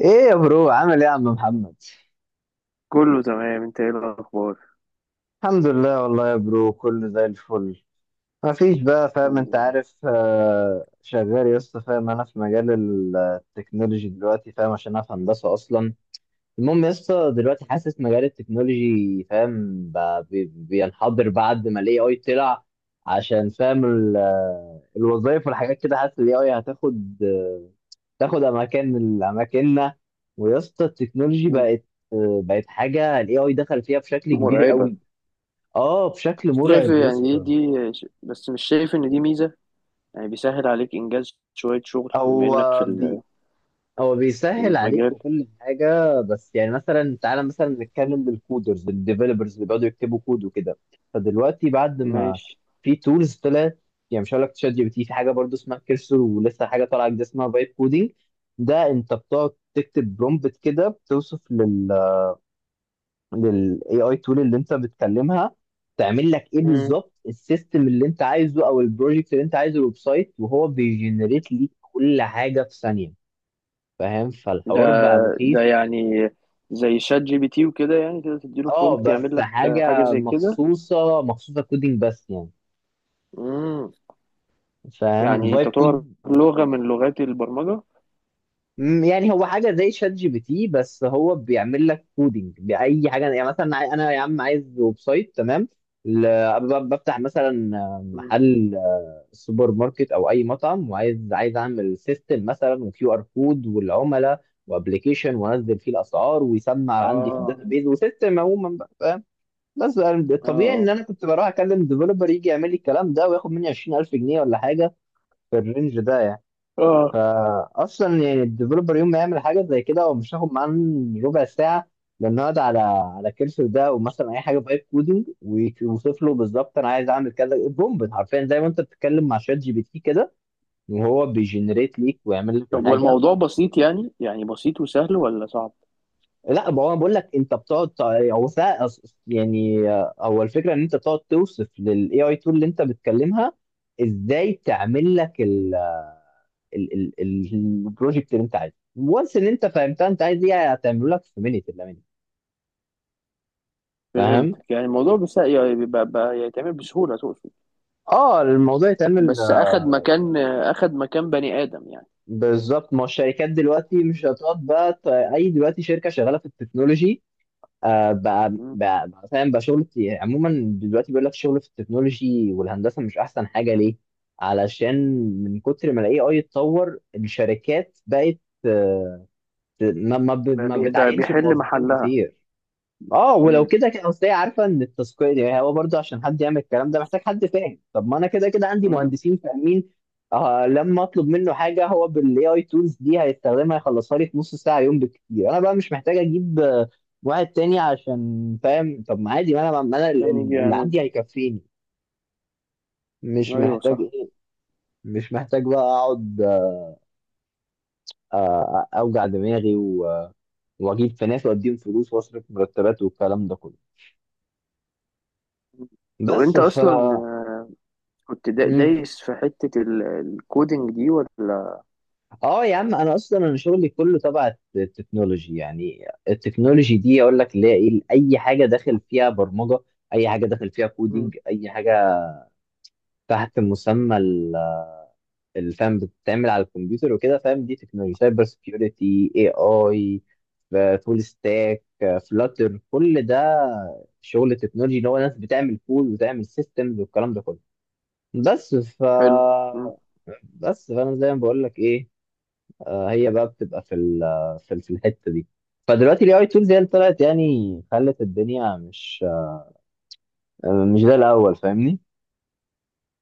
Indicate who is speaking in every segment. Speaker 1: ايه يا برو؟ عامل ايه يا عم محمد؟
Speaker 2: كله تمام، انت ايه الاخبار؟
Speaker 1: الحمد لله والله يا برو، كله زي الفل. ما فيش بقى، فاهم،
Speaker 2: الحمد
Speaker 1: انت
Speaker 2: لله.
Speaker 1: عارف، شغال يا اسطى. فاهم، انا في مجال التكنولوجي دلوقتي، فاهم، عشان انا في هندسه اصلا. المهم يا اسطى، دلوقتي حاسس مجال التكنولوجي، فاهم، بقى بينحدر بعد ما الاي اي طلع. عشان فاهم الوظايف والحاجات كده، حاسس الاي اي تاخد اماكن من اماكننا. ويا اسطى التكنولوجي
Speaker 2: مم.
Speaker 1: بقت، بقت حاجه، الاي اي دخل فيها بشكل كبير
Speaker 2: مرعبة.
Speaker 1: قوي. اه، بشكل
Speaker 2: بس شايف
Speaker 1: مرعب يا
Speaker 2: يعني دي،
Speaker 1: اسطى.
Speaker 2: بس مش شايف إن دي ميزة. يعني بيسهل عليك إنجاز شوية شغل بما إنك في
Speaker 1: هو بي هو
Speaker 2: في
Speaker 1: بيسهل عليك
Speaker 2: المجال.
Speaker 1: وكل حاجه، بس يعني مثلا، تعالى مثلا نتكلم بالكودرز الديفلوبرز اللي بيقعدوا يكتبوا كود وكده. فدلوقتي بعد ما
Speaker 2: ماشي.
Speaker 1: في تولز طلعت، يعني مش هقول لك تشات جي بي تي، في حاجه برضو اسمها كيرسر، ولسه حاجه طالعه جديده اسمها فايب كودينج. ده انت بتقعد تكتب برومبت كده، بتوصف لل AI tool اللي انت بتكلمها، تعمل لك ايه
Speaker 2: مم.
Speaker 1: بالظبط، السيستم اللي انت عايزه او البروجكت اللي انت عايزه، الويب سايت، وهو بيجنريت ليك كل حاجه في ثانيه. فاهم،
Speaker 2: ده
Speaker 1: فالحوار بقى
Speaker 2: ده
Speaker 1: مخيف.
Speaker 2: يعني زي شات جي بي تي وكده، يعني كده تديله
Speaker 1: اه
Speaker 2: برومبت
Speaker 1: بس
Speaker 2: يعمل لك حاجة
Speaker 1: حاجه
Speaker 2: زي كده.
Speaker 1: مخصوصه، مخصوصه كودينج بس يعني،
Speaker 2: مم.
Speaker 1: فاهم،
Speaker 2: يعني
Speaker 1: فايب
Speaker 2: تعتبر
Speaker 1: كود.
Speaker 2: لغة من لغات البرمجة.
Speaker 1: يعني هو حاجه زي شات جي بي تي، بس هو بيعمل لك كودينج باي حاجه. يعني مثلا انا يا عم عايز ويب سايت، تمام. بفتح مثلا
Speaker 2: مم.
Speaker 1: محل السوبر ماركت او اي مطعم، عايز اعمل سيستم مثلا، وكيو ار كود، والعملاء، وابلكيشن، وانزل فيه الاسعار ويسمع عندي في
Speaker 2: آه
Speaker 1: الداتابيز، وسيستم عموما بقى، فاهم. بس الطبيعي ان
Speaker 2: آه،
Speaker 1: انا كنت بروح اكلم ديفلوبر يجي يعمل لي الكلام ده وياخد مني 20,000 جنيه ولا حاجه، في الرينج ده يعني.
Speaker 2: آه آه.
Speaker 1: فاصلا يعني الديفلوبر يوم ما يعمل حاجه زي كده هو مش هياخد معاه ربع ساعه، لانه يقعد على كرسي ده، او مثلا اي حاجه بايب كودنج، ويوصف له بالظبط انا عايز اعمل كذا بومب، حرفيا زي ما انت بتتكلم مع شات جي بي تي كده، وهو بيجنريت ليك ويعمل لك
Speaker 2: طب
Speaker 1: الحاجه.
Speaker 2: والموضوع بسيط، يعني يعني بسيط وسهل ولا صعب؟
Speaker 1: لا، ما هو بقول لك انت بتقعد يعني، هو الفكره ان انت بتقعد توصف للاي اي تول اللي انت بتكلمها ازاي تعمل لك البروجكت اللي انت عايزه، وانس ان انت فهمتها انت عايز ايه، هتعمله لك في مينيت الا minute. فاهم،
Speaker 2: فهمتك، يعني الموضوع بس يعني بيبقى بقى يتعمل بسهولة تقصد.
Speaker 1: اه الموضوع يتعمل،
Speaker 2: بس أخد مكان أخد مكان بني آدم يعني.
Speaker 1: بالظبط. ما هو الشركات دلوقتي مش هتقعد بقى اي، دلوقتي شركه شغاله في التكنولوجي، بقى
Speaker 2: مم.
Speaker 1: بقى بقى فاهم، بقى شغل كتير. يعني عموما دلوقتي بيقول لك شغل في التكنولوجي والهندسه، مش احسن حاجه، ليه؟ علشان من كتر ما الاي اي اتطور الشركات بقت، آه، ما
Speaker 2: بقى
Speaker 1: بتعينش
Speaker 2: بيحل
Speaker 1: موظفين
Speaker 2: محلها.
Speaker 1: كتير. اه، ولو
Speaker 2: مم.
Speaker 1: كده كده اصل هي عارفه ان التسويق، يعني هو برضه عشان حد يعمل الكلام ده محتاج حد فاهم. طب ما انا كده كده عندي
Speaker 2: مم.
Speaker 1: مهندسين فاهمين. آه، لما اطلب منه حاجه هو بالاي اي تولز دي هيستخدمها يخلصها لي في نص ساعه يوم بالكتير. انا بقى مش محتاج اجيب واحد تاني، عشان فاهم. طب ما عادي، ما انا
Speaker 2: عشان يجي
Speaker 1: اللي
Speaker 2: يعمل
Speaker 1: عندي
Speaker 2: دي.
Speaker 1: هيكفيني، مش
Speaker 2: أيوه
Speaker 1: محتاج
Speaker 2: صح.
Speaker 1: ايه، مش محتاج بقى اقعد، اوجع دماغي، واجيب في ناس واديهم فلوس واصرف مرتبات والكلام ده كله.
Speaker 2: مم. طب
Speaker 1: بس
Speaker 2: أنت
Speaker 1: ف
Speaker 2: أصلا كنت دايس في حتة الكودينج دي ولا؟
Speaker 1: اه يا عم، انا اصلا شغلي كله تبع التكنولوجي. يعني التكنولوجي دي اقول لك اللي هي ايه، اي حاجه داخل فيها برمجه، اي حاجه داخل فيها
Speaker 2: مم.
Speaker 1: كودينج، اي حاجه تحت مسمى الفهم بتتعمل على الكمبيوتر وكده، فاهم. دي تكنولوجي، سايبر سكيورتي، اي اي، فول ستاك، فلاتر، كل ده شغل تكنولوجي، اللي هو ناس بتعمل كود وتعمل سيستمز والكلام ده كله. بس.
Speaker 2: حلو. مم.
Speaker 1: بس فانا زي ما بقول لك ايه، هي بقى بتبقى في الحته دي. فدلوقتي الاي اي تولز هي اللي طلعت، يعني خلت الدنيا مش، مش زي الاول، فاهمني.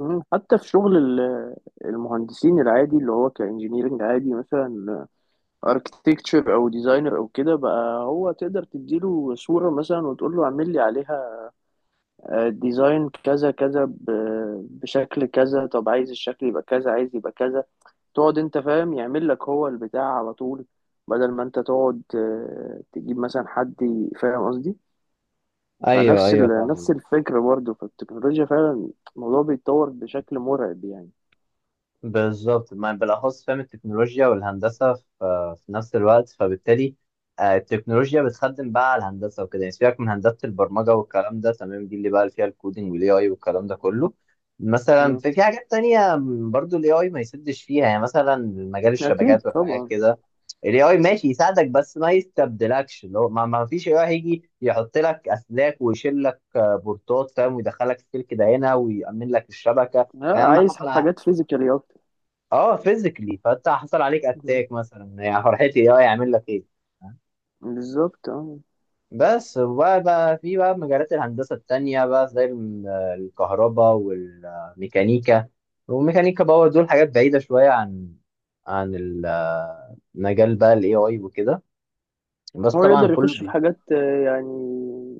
Speaker 2: مم. حتى في شغل المهندسين العادي، اللي هو كإنجينيرنج عادي، مثلا اركتكتشر أو ديزاينر أو كده. بقى هو تقدر تديله صورة مثلا وتقول له اعمل لي عليها ديزاين كذا كذا، بشكل كذا. طب عايز الشكل يبقى كذا، عايز يبقى كذا. تقعد انت فاهم، يعمل لك هو البتاع على طول، بدل ما انت تقعد تجيب مثلا حد فاهم قصدي.
Speaker 1: ايوه
Speaker 2: فنفس
Speaker 1: ايوه،
Speaker 2: نفس
Speaker 1: فاهم.
Speaker 2: الفكرة برضه فالتكنولوجيا فعلا الموضوع بيتطور بشكل مرعب يعني.
Speaker 1: بالظبط، ما بالاخص فاهم التكنولوجيا والهندسه في نفس الوقت، فبالتالي، التكنولوجيا بتخدم بقى على الهندسه وكده، يعني سيبك من هندسه البرمجه والكلام ده، تمام، دي اللي بقى فيها الكودينج والاي اي والكلام ده كله. مثلا
Speaker 2: مم.
Speaker 1: في حاجات تانية، برضو الاي اي ما يسدش فيها، يعني مثلا مجال
Speaker 2: أكيد
Speaker 1: الشبكات والحاجات
Speaker 2: طبعا.
Speaker 1: كده. الاي اي ماشي يساعدك، بس ما يستبدلكش، اللي هو ما فيش اي اي هيجي يحط لك اسلاك ويشيل لك، بورتات، فاهم، ويدخلك السلك ده هنا ويأمن لك الشبكه،
Speaker 2: لا،
Speaker 1: اهم
Speaker 2: عايز
Speaker 1: حاجه.
Speaker 2: حاجات فيزيكالي أكتر.
Speaker 1: اه، فيزيكلي، فانت حصل عليك
Speaker 2: مم.
Speaker 1: اتاك مثلا، يعني فرحتي إيه؟ اه، يعمل لك ايه.
Speaker 2: بالظبط اه.
Speaker 1: بس، وبقى بقى في بقى مجالات الهندسة التانية بقى زي الكهرباء والميكانيكا، والميكانيكا باور، دول حاجات بعيدة شوية عن عن ال- مجال بقى الاي اي وكده. بس
Speaker 2: هو
Speaker 1: طبعا
Speaker 2: يقدر
Speaker 1: كله
Speaker 2: يخش في
Speaker 1: بي...
Speaker 2: حاجات يعني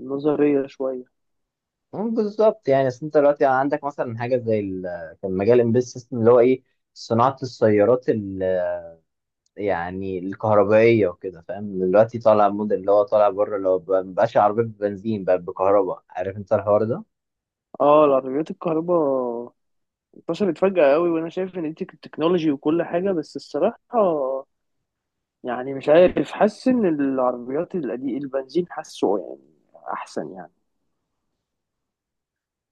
Speaker 2: نظرية شوية.
Speaker 1: بالظبط يعني، اصل انت دلوقتي عندك مثلا حاجة زي كان مجال امبيد سيستم اللي هو ايه، صناعة السيارات، يعني الكهربائية وكده، فاهم. دلوقتي طالع موديل اللي هو طالع بره، اللي هو مبقاش عربية بنزين، بقى بكهرباء، عارف انت الحوار ده.
Speaker 2: اه، العربيات الكهرباء انتشرت فجأة قوي، وانا شايف ان دي التكنولوجي وكل حاجة، بس الصراحة يعني مش عارف، حاسس ان العربيات القديم البنزين حاسه يعني احسن يعني.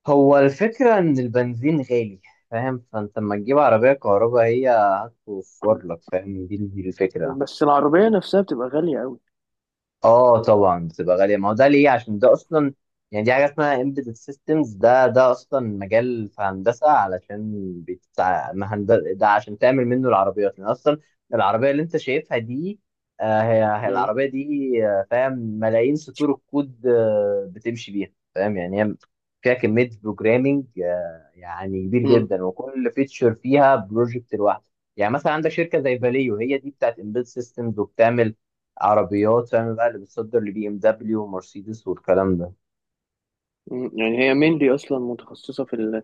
Speaker 1: هو الفكرة ان البنزين غالي، فاهم، فانت لما تجيب عربية كهرباء هي هتوفر لك، فاهم، دي الفكرة.
Speaker 2: بس العربية نفسها بتبقى غالية قوي.
Speaker 1: اه طبعا بتبقى غاليه، ما هو ده ليه؟ عشان ده اصلا، يعني دي حاجه اسمها embedded systems، ده اصلا مجال في هندسه، علشان بتاع مهندسه ده، عشان تعمل منه العربيات. لان اصلا العربيه اللي انت شايفها دي، هي
Speaker 2: مم.
Speaker 1: العربيه دي، فاهم، ملايين سطور الكود بتمشي بيها، فاهم، يعني هي فيها كميه بروجرامنج يعني كبير
Speaker 2: مم.
Speaker 1: جدا، وكل فيتشر فيها بروجكت لوحده. يعني مثلا عندك شركه زي فاليو، هي دي بتاعت embedded systems، وبتعمل عربيات، فاهم بقى، اللي بتصدر لبي ام دبليو ومرسيدس والكلام ده.
Speaker 2: مم. يعني هي مينلي اصلا متخصصة في ال...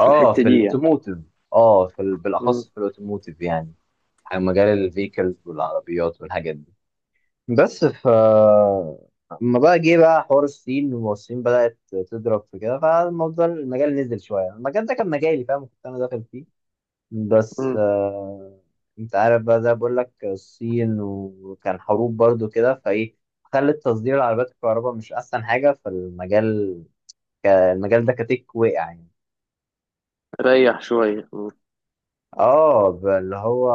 Speaker 2: في
Speaker 1: اه،
Speaker 2: الحتة
Speaker 1: في
Speaker 2: دي يعني.
Speaker 1: الاوتوموتيف. اه، في
Speaker 2: مم.
Speaker 1: بالاخص في الاوتوموتيف، يعني مجال الفيكلز والعربيات والحاجات دي. بس. اما بقى جه بقى حوار الصين، والصين بدأت تضرب في كده، فالموضوع المجال نزل شوية. المجال ده كان مجالي، فاهم، كنت أنا داخل فيه. بس،
Speaker 2: مم.
Speaker 1: أنت عارف بقى ده بقول لك الصين، وكان حروب برضو كده، فإيه، خلت تصدير العربيات الكهرباء مش أحسن حاجة في المجال. المجال ده كتك وقع يعني.
Speaker 2: ريح شوية. مم.
Speaker 1: اه، اللي هو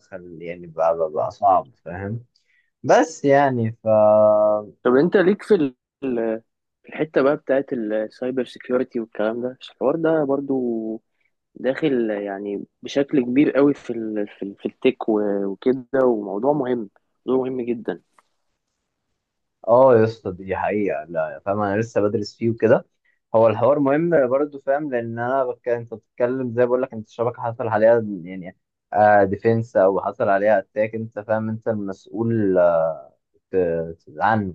Speaker 1: خل يعني بقى صعب، فاهم. بس يعني.
Speaker 2: طب انت ليك في ال... في الحتة بقى بتاعت السايبر سيكيورتي والكلام ده، الحوار ده برضو داخل يعني بشكل كبير قوي في ال في التك وكده. وموضوع مهم، موضوع مهم جدا.
Speaker 1: اه يا اسطى، دي حقيقة، لا فاهم، انا لسه بدرس فيه وكده. هو الحوار مهم برضه، فاهم، لان انا انت بتتكلم زي بقول لك، انت الشبكة حصل عليها، يعني ديفنس، او حصل عليها اتاك، انت فاهم انت المسؤول ت- عنه.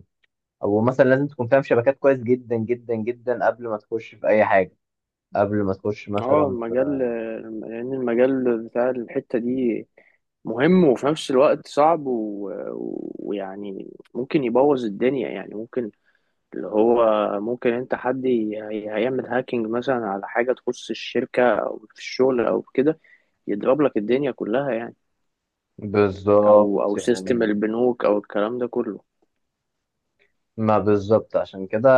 Speaker 1: او مثلا لازم تكون فاهم شبكات كويس جدا جدا جدا قبل ما تخش في اي حاجة، قبل ما تخش
Speaker 2: اه
Speaker 1: مثلا.
Speaker 2: المجال، لان المجال بتاع الحتة دي مهم وفي نفس الوقت صعب ويعني ممكن يبوظ الدنيا يعني. ممكن اللي هو، ممكن انت هيعمل هاكينج مثلا على حاجة تخص الشركة او في الشغل او كده، يضرب لك الدنيا كلها يعني. او
Speaker 1: بالظبط
Speaker 2: او سيستم
Speaker 1: يعني،
Speaker 2: البنوك او الكلام ده كله.
Speaker 1: ما بالظبط عشان كده،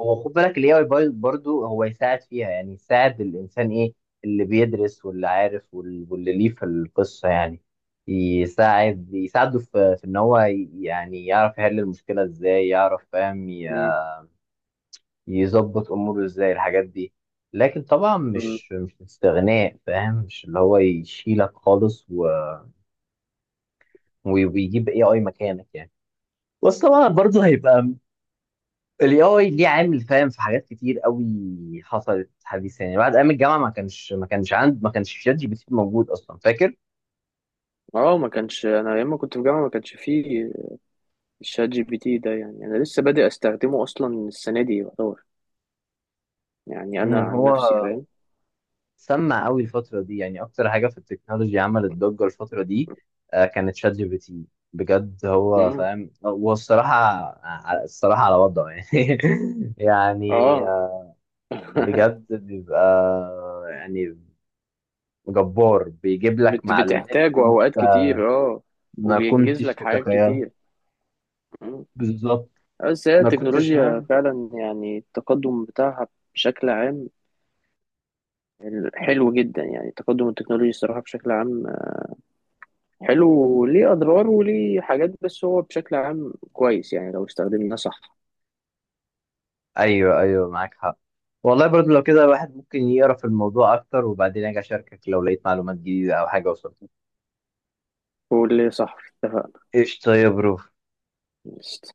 Speaker 1: هو خد بالك، الاي اي برضو هو يساعد فيها، يعني يساعد الانسان ايه، اللي بيدرس واللي عارف، واللي ليه في القصه، يعني يساعده في ان هو يعني يعرف يحل المشكله ازاي، يعرف، فاهم، يظبط اموره ازاي الحاجات دي. لكن طبعا
Speaker 2: مم.
Speaker 1: مش استغناء، فاهم، مش اللي هو يشيلك خالص ويجيب اي اي مكانك يعني. بس طبعا برضه هيبقى الاي اي ليه عامل، فاهم، في حاجات كتير قوي حصلت حديثا. يعني بعد ايام الجامعه ما كانش شات جي بي تي موجود اصلا، فاكر.
Speaker 2: اه ما كانش، انا لما كنت في جامعه ما كانش فيه الشات جي بي تي ده يعني. انا لسه بادئ استخدمه اصلا السنه دي يعتبر، يعني انا عن نفسي
Speaker 1: هو
Speaker 2: فاهم.
Speaker 1: سمع قوي الفتره دي، يعني اكتر حاجه في التكنولوجيا عملت ضجه الفتره دي كانت شات جي بي تي. بجد هو،
Speaker 2: امم
Speaker 1: فاهم، هو الصراحه، الصراحه على وضعه يعني. يعني،
Speaker 2: اه.
Speaker 1: بجد بيبقى، يعني جبار، بيجيب لك معلومات
Speaker 2: بتحتاجه اوقات
Speaker 1: انت
Speaker 2: كتير اه،
Speaker 1: ما
Speaker 2: وبينجز
Speaker 1: كنتش
Speaker 2: لك حاجات
Speaker 1: تتخيلها.
Speaker 2: كتير. مم.
Speaker 1: بالظبط،
Speaker 2: بس هي
Speaker 1: ما كنتش
Speaker 2: التكنولوجيا
Speaker 1: فاهم.
Speaker 2: فعلا يعني التقدم بتاعها بشكل عام حلو جدا. يعني تقدم التكنولوجيا الصراحه بشكل عام حلو، وليه اضرار وليه حاجات، بس هو بشكل عام كويس يعني لو استخدمناه صح.
Speaker 1: ايوه ايوه، معاك حق. والله، برضو لو كده الواحد ممكن يقرا في الموضوع اكتر، وبعدين اجي اشاركك لو لقيت معلومات جديده او حاجه وصلت.
Speaker 2: واللي صح اتفق.
Speaker 1: ايش، طيب برو.
Speaker 2: قشطة.